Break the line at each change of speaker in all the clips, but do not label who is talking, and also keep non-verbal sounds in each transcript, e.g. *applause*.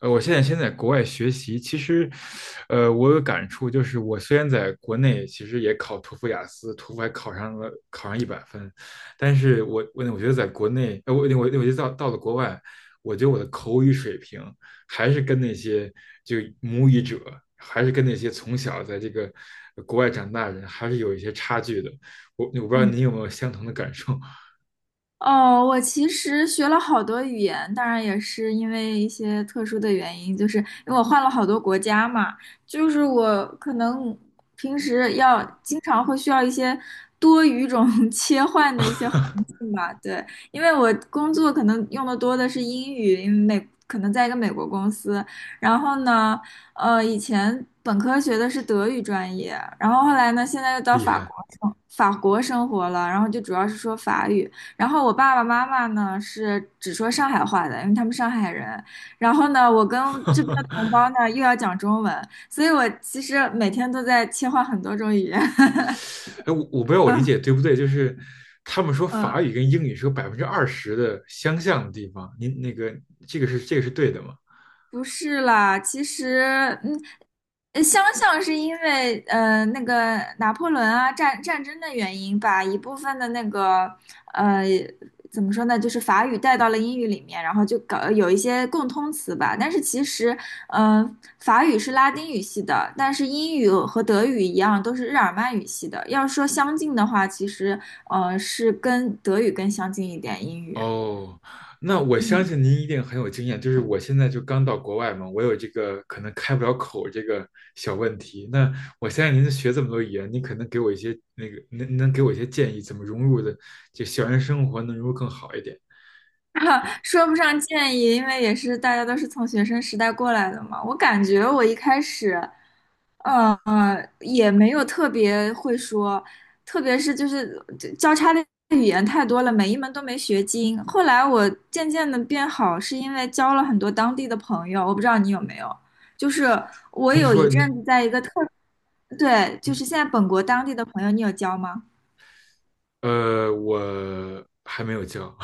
我现在先在国外学习，其实，我有感触，就是我虽然在国内其实也考托福、雅思，托福还考上了，考上100分，但是我觉得在国内，我觉得到了国外，我觉得我的口语水平还是跟那些就母语者，还是跟那些从小在这个国外长大的人，还是有一些差距的。我不知道
嗯，
你有没有相同的感受，
哦，我其实学了好多语言，当然也是因为一些特殊的原因，就是因为我换了好多国家嘛，就是我可能平时要经常会需要一些多语种 *laughs* 切换的一些环境吧，对，因为我工作可能用的多的是英语，因为美可能在一个美国公司，然后呢，以前本科学的是德语专业，然后后来呢，现在又
*laughs*
到
厉
法
害。
国生活了，然后就主要是说法语。然后我爸爸妈妈呢是只说上海话的，因为他们上海人。然后呢，我跟这边的同胞呢又要讲中文，所以我其实每天都在切换很多种语言。*laughs*
哎，我不知道我理
嗯
解对不对，就是他们说法
嗯。
语跟英语是有20%的相像的地方，您那个这个是对的吗？
不是啦，其实，嗯，相像是因为那个拿破仑啊战争的原因，把一部分的那个呃怎么说呢，就是法语带到了英语里面，然后就搞有一些共通词吧。但是其实，呃，法语是拉丁语系的，但是英语和德语一样都是日耳曼语系的。要说相近的话，其实是跟德语更相近一点，英语。
哦，那我相
嗯。
信您一定很有经验，就是我现在就刚到国外嘛，我有这个可能开不了口这个小问题。那我相信您学这么多语言，您可能给我一些那个能给我一些建议，怎么融入的就校园生活能融入更好一点。
*laughs* 说不上建议，因为也是大家都是从学生时代过来的嘛。我感觉我一开始，也没有特别会说，特别是就是交叉的语言太多了，每一门都没学精。后来我渐渐的变好，是因为交了很多当地的朋友。我不知道你有没有，就是我
您
有一
说
阵
您，
子在一个对，就
嗯，
是现在本国当地的朋友，你有交吗？
我还没有教，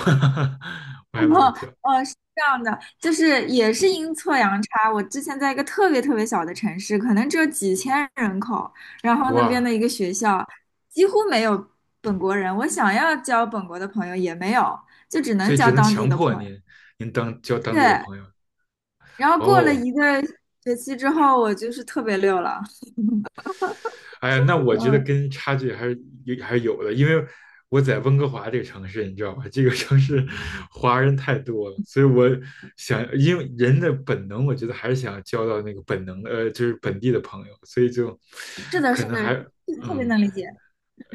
*laughs*
*laughs*
我还没有
哦，
教，
哦，是这样的，就是也是阴错阳差。我之前在一个特别特别小的城市，可能只有几千人口，然后那边的
哇。
一个学校几乎没有本国人，我想要交本国的朋友也没有，就只
所
能
以
交
只能
当地
强
的
迫
朋友。
您交当地的
对，
朋友。
然后过了
哦，
一个学期之后，我就是特别溜了。
哎呀，那我觉得
嗯，
跟差距还是有的，因为我在温哥华这个城市，你知道吧？这个城市华人太多了，所以我想，因为人的本能，我觉得还是想要交到那个本能的，就是本地的朋友，所以就
是的，是
可能
的，
还
特特别
嗯。
能理解。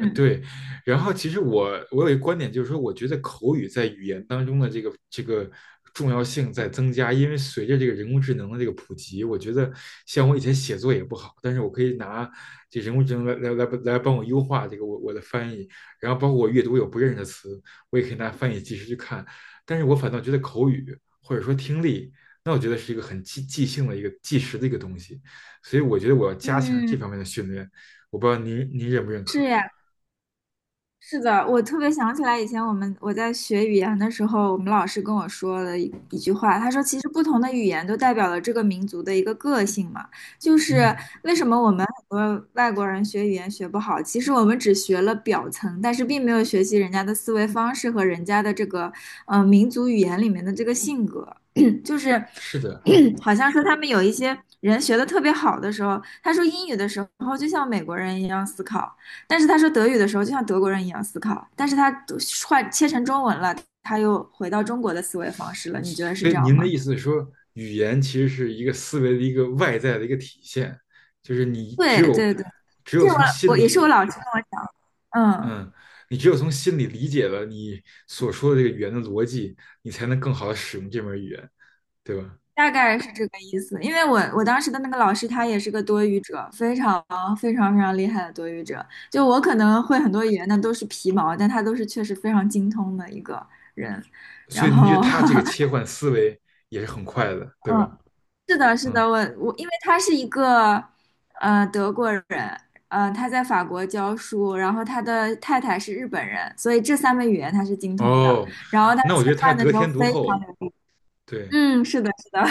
对，然后其实我有一个观点，就是说，我觉得口语在语言当中的这个重要性在增加，因为随着这个人工智能的这个普及，我觉得像我以前写作也不好，但是我可以拿这人工智能来帮我优化这个我的翻译，然后包括我阅读有不认识的词，我也可以拿翻译即时去看，但是我反倒觉得口语或者说听力，那我觉得是一个很即兴的一个即时的一个东西，所以我觉得我要加强这
嗯，
方面的训练，我不知道您认不认
是
可。
呀。是的，我特别想起来以前我在学语言的时候，我们老师跟我说了一句话，他说其实不同的语言都代表了这个民族的一个个性嘛，就是
嗯，
为什么我们很多外国人学语言学不好，其实我们只学了表层，但是并没有学习人家的思维方式和人家的这个民族语言里面的这个性格，*coughs* *clears throat* 就是
是的，
*clears throat* 好像说他们有一些人学的特别好的时候，他说英语的时候然后就像美国人一样思考。但是他说德语的时候，就像德国人一样思考，但是他换切成中文了，他又回到中国的思维方式了。你觉得是
所以
这样
您的
吗？
意思是说，语言其实是一个思维的一个外在的一个体现，就是你只
对
有
对对，
只
这
有从
我
心
也是我
里，
老师跟我讲，嗯，
嗯，你只有从心里理解了你所说的这个语言的逻辑，你才能更好的使用这门语言，对吧？
大概是这个意思。因为我当时的那个老师他也是个多语者，非常非常非常厉害的多语者。就我可能会很多语言的都是皮毛，但他都是确实非常精通的一个人。
所
然
以您觉得
后，
他这个切
*laughs*
换思维也是很快的，对吧？
嗯，是的，是
嗯，
的，我因为他是一个德国人，他在法国教书，然后他的太太是日本人，所以这三门语言他是精通的。
哦，
然后他
那我
吃
觉得他
饭的
得
时候
天独
非常
厚，
流利。
对。
嗯，是的，是的，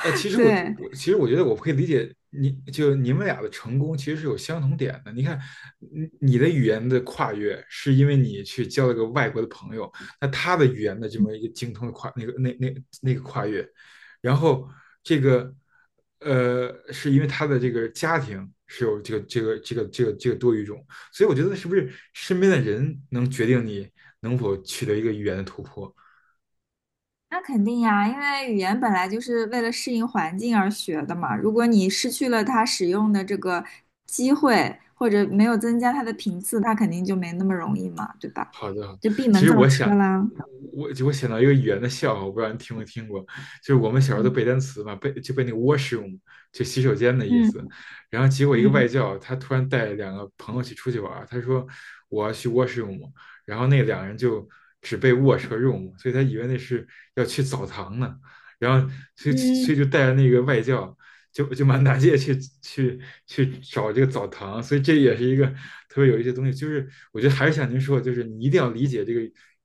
其 实我我
对，
我其实我觉得我可以理解你，就你们俩的成功其实是有相同点的。你看，你的语言的跨越是因为你去交了个外国的朋友，那他的语言的这么一个精通的跨那个那那那个跨越，然后这个是因为他的这个家庭是有这个多语种，所以我觉得是不是身边的人能决定你能否取得一个语言的突破？
那肯定呀，因为语言本来就是为了适应环境而学的嘛。如果你失去了它使用的这个机会，或者没有增加它的频次，它肯定就没那么容易嘛，对吧？
好的，好的
就闭
其
门
实
造
我
车
想，
啦。
我想到一个语言的笑话，我不知道你听没听过，就是我们小时候都背
嗯
单词嘛，背就背那个 washroom,就洗手间的意思。
嗯
然后结果一个外
嗯。
教，他突然带两个朋友去出去玩儿他说我要去 washroom,然后那两个人就只背 wash 和 room,所以他以为那是要去澡堂呢，然后所以
嗯，
所以就带着那个外教。就满大街去去找这个澡堂，所以这也是一个特别有一些东西，就是我觉得还是像您说，的，就是你一定要理解这个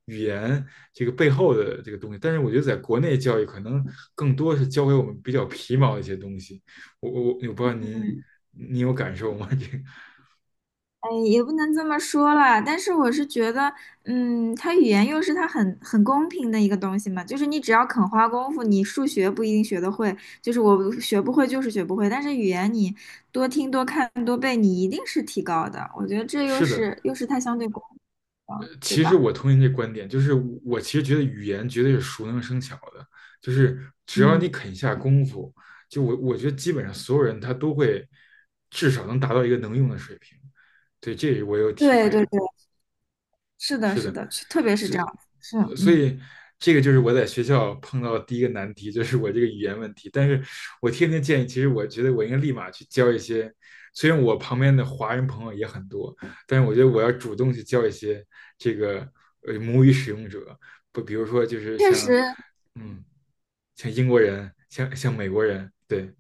语言这个背后的这个东西。但是我觉得在国内教育可能更多是教给我们比较皮毛的一些东西。我不知道您有感受吗？*laughs* 这个
哎，也不能这么说啦，但是我是觉得，嗯，它语言又是它很公平的一个东西嘛，就是你只要肯花功夫，你数学不一定学得会，就是我学不会就是学不会，但是语言你多听多看多背，你一定是提高的。我觉得这又
是的，
是又是它相对公平的，对
其实
吧？
我同意您这观点，就是我其实觉得语言绝对是熟能生巧的，就是只要你
嗯，
肯下功夫，就我觉得基本上所有人他都会至少能达到一个能用的水平。对，这是我有体
对
会的。
对对，是的，
是
是
的。
的，特别是
是，
这样，是
所
嗯。
以这个就是我在学校碰到的第一个难题，就是我这个语言问题。但是我天天建议，其实我觉得我应该立马去交一些，虽然我旁边的华人朋友也很多，但是我觉得我要主动去交一些这个母语使用者，不，比如说就是
确
像
实，
嗯，像英国人，像美国人，对。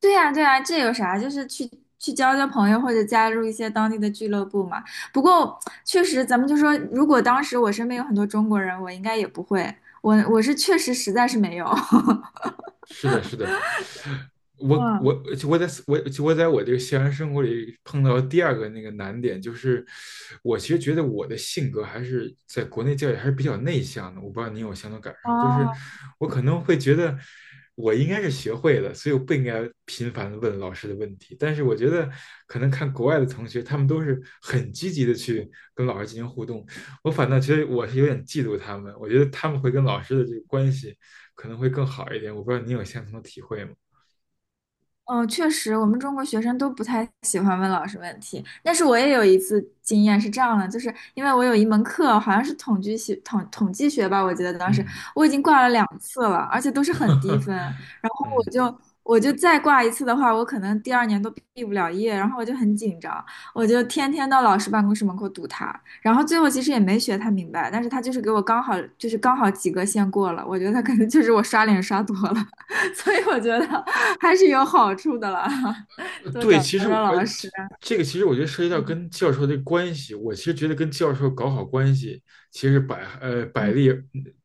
对呀，对呀，这有啥？就是去交朋友，或者加入一些当地的俱乐部嘛。不过确实，咱们就说，如果当时我身边有很多中国人，我应该也不会。我是确实实在是没有。
是的，是的，
*laughs*
我
嗯，
我我在我我在我这个校园生活里碰到第二个那个难点，就是我其实觉得我的性格还是在国内教育还是比较内向的，我不知道你有相同感受吗？就是
哦，
我可能会觉得我应该是学会了，所以我不应该频繁的问老师的问题，但是我觉得可能看国外的同学，他们都是很积极的去跟老师进行互动，我反倒觉得我是有点嫉妒他们，我觉得他们会跟老师的这个关系。可能会更好一点。我不知道您有相同的体会吗？
嗯，确实，我们中国学生都不太喜欢问老师问题。但是我也有一次经验是这样的，就是因为我有一门课，好像是统计学吧，我记得当时
嗯
我已经挂了两次了，而且都是很低分。然
*laughs*，
后我
嗯，
就我就再挂一次的话，我可能第二年都毕不了业。然后我就很紧张，我就天天到老师办公室门口堵他。然后最后其实也没学太明白，但是他就是给我刚好及格线过了。我觉得他可能就是我刷脸刷多了，*laughs* 所以我觉得。还是有好处的啦，*laughs* 多
对，
找
其实
找
而
老师。
这个其实我觉得涉及到
嗯
跟教授的关系，我其实觉得跟教授搞好关系，其实百呃百
嗯
利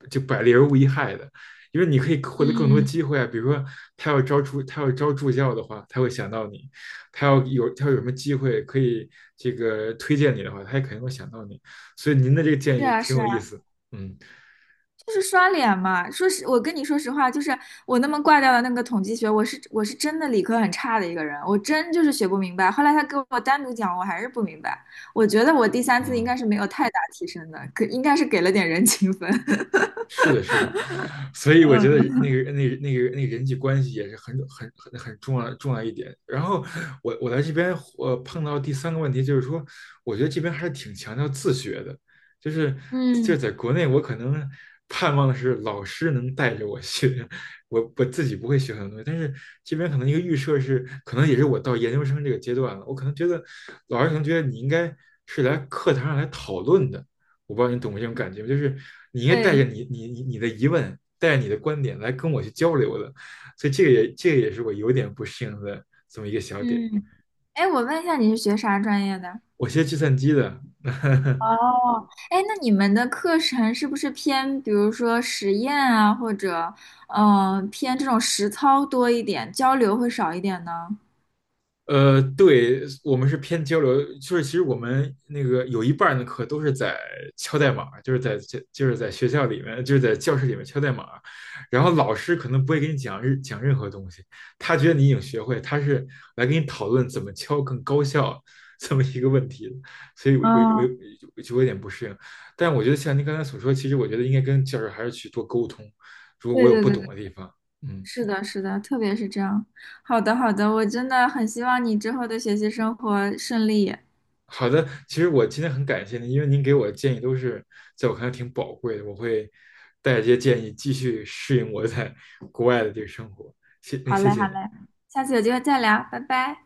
就百利而无一害的，因为你可以获得更多
嗯，
机会啊。比如说他要招助教的话，他会想到你；他要有什么机会可以这个推荐你的话，他也肯定会想到你。所以您的这个建
是
议
啊，
挺
是
有
啊，
意思，嗯。
就是刷脸嘛。说实，我跟你说实话，就是我那么挂掉的那个统计学，我是真的理科很差的一个人，我真就是学不明白。后来他给我单独讲，我还是不明白。我觉得我第三次应
嗯，
该是没有太大提升的，可应该是给了点人情分。*laughs*
是的，是的，所以我觉得那
嗯，
个那个那个那个人际关系也是很重要一点。然后我来这边我碰到第三个问题就是说，我觉得这边还是挺强调自学的，就是就是
嗯，
在国内我可能盼望的是老师能带着我学，我自己不会学很多东西，但是这边可能一个预设是，可能也是我到研究生这个阶段了，我可能觉得老师可能觉得你应该是来课堂上来讨论的。我不知道你懂不懂这种感觉就是你应该带着
对，
你的疑问，带着你的观点来跟我去交流的，所以这个也是我有点不适应的这么一个小点。
嗯，哎，我问一下，你是学啥专业的？
我学计算机的，*laughs* 呵呵
哦，哎，那你们的课程是不是偏，比如说实验啊，或者偏这种实操多一点，交流会少一点呢？
对，我们是偏交流，就是其实我们那个有一半儿的课都是在敲代码，就是在就就是在学校里面，就是在教室里面敲代码，然后老师可能不会给你讲任何东西，他觉得你已经学会，他是来跟你讨论怎么敲更高效这么一个问题的。所以我我
嗯，
我我就有点不适应，但我觉得像您刚才所说，其实我觉得应该跟教授还是去多沟通，如果我
对
有
对
不
对
懂
对，
的地方，嗯。
是的，是的，特别是这样。好的，好的，我真的很希望你之后的学习生活顺利。
好的，其实我今天很感谢您，因为您给我的建议都是在我看来挺宝贵的，我会带着这些建议继续适应我在国外的这个生活。
好
谢
嘞，
谢
好
你。
嘞，下次有机会再聊，拜拜。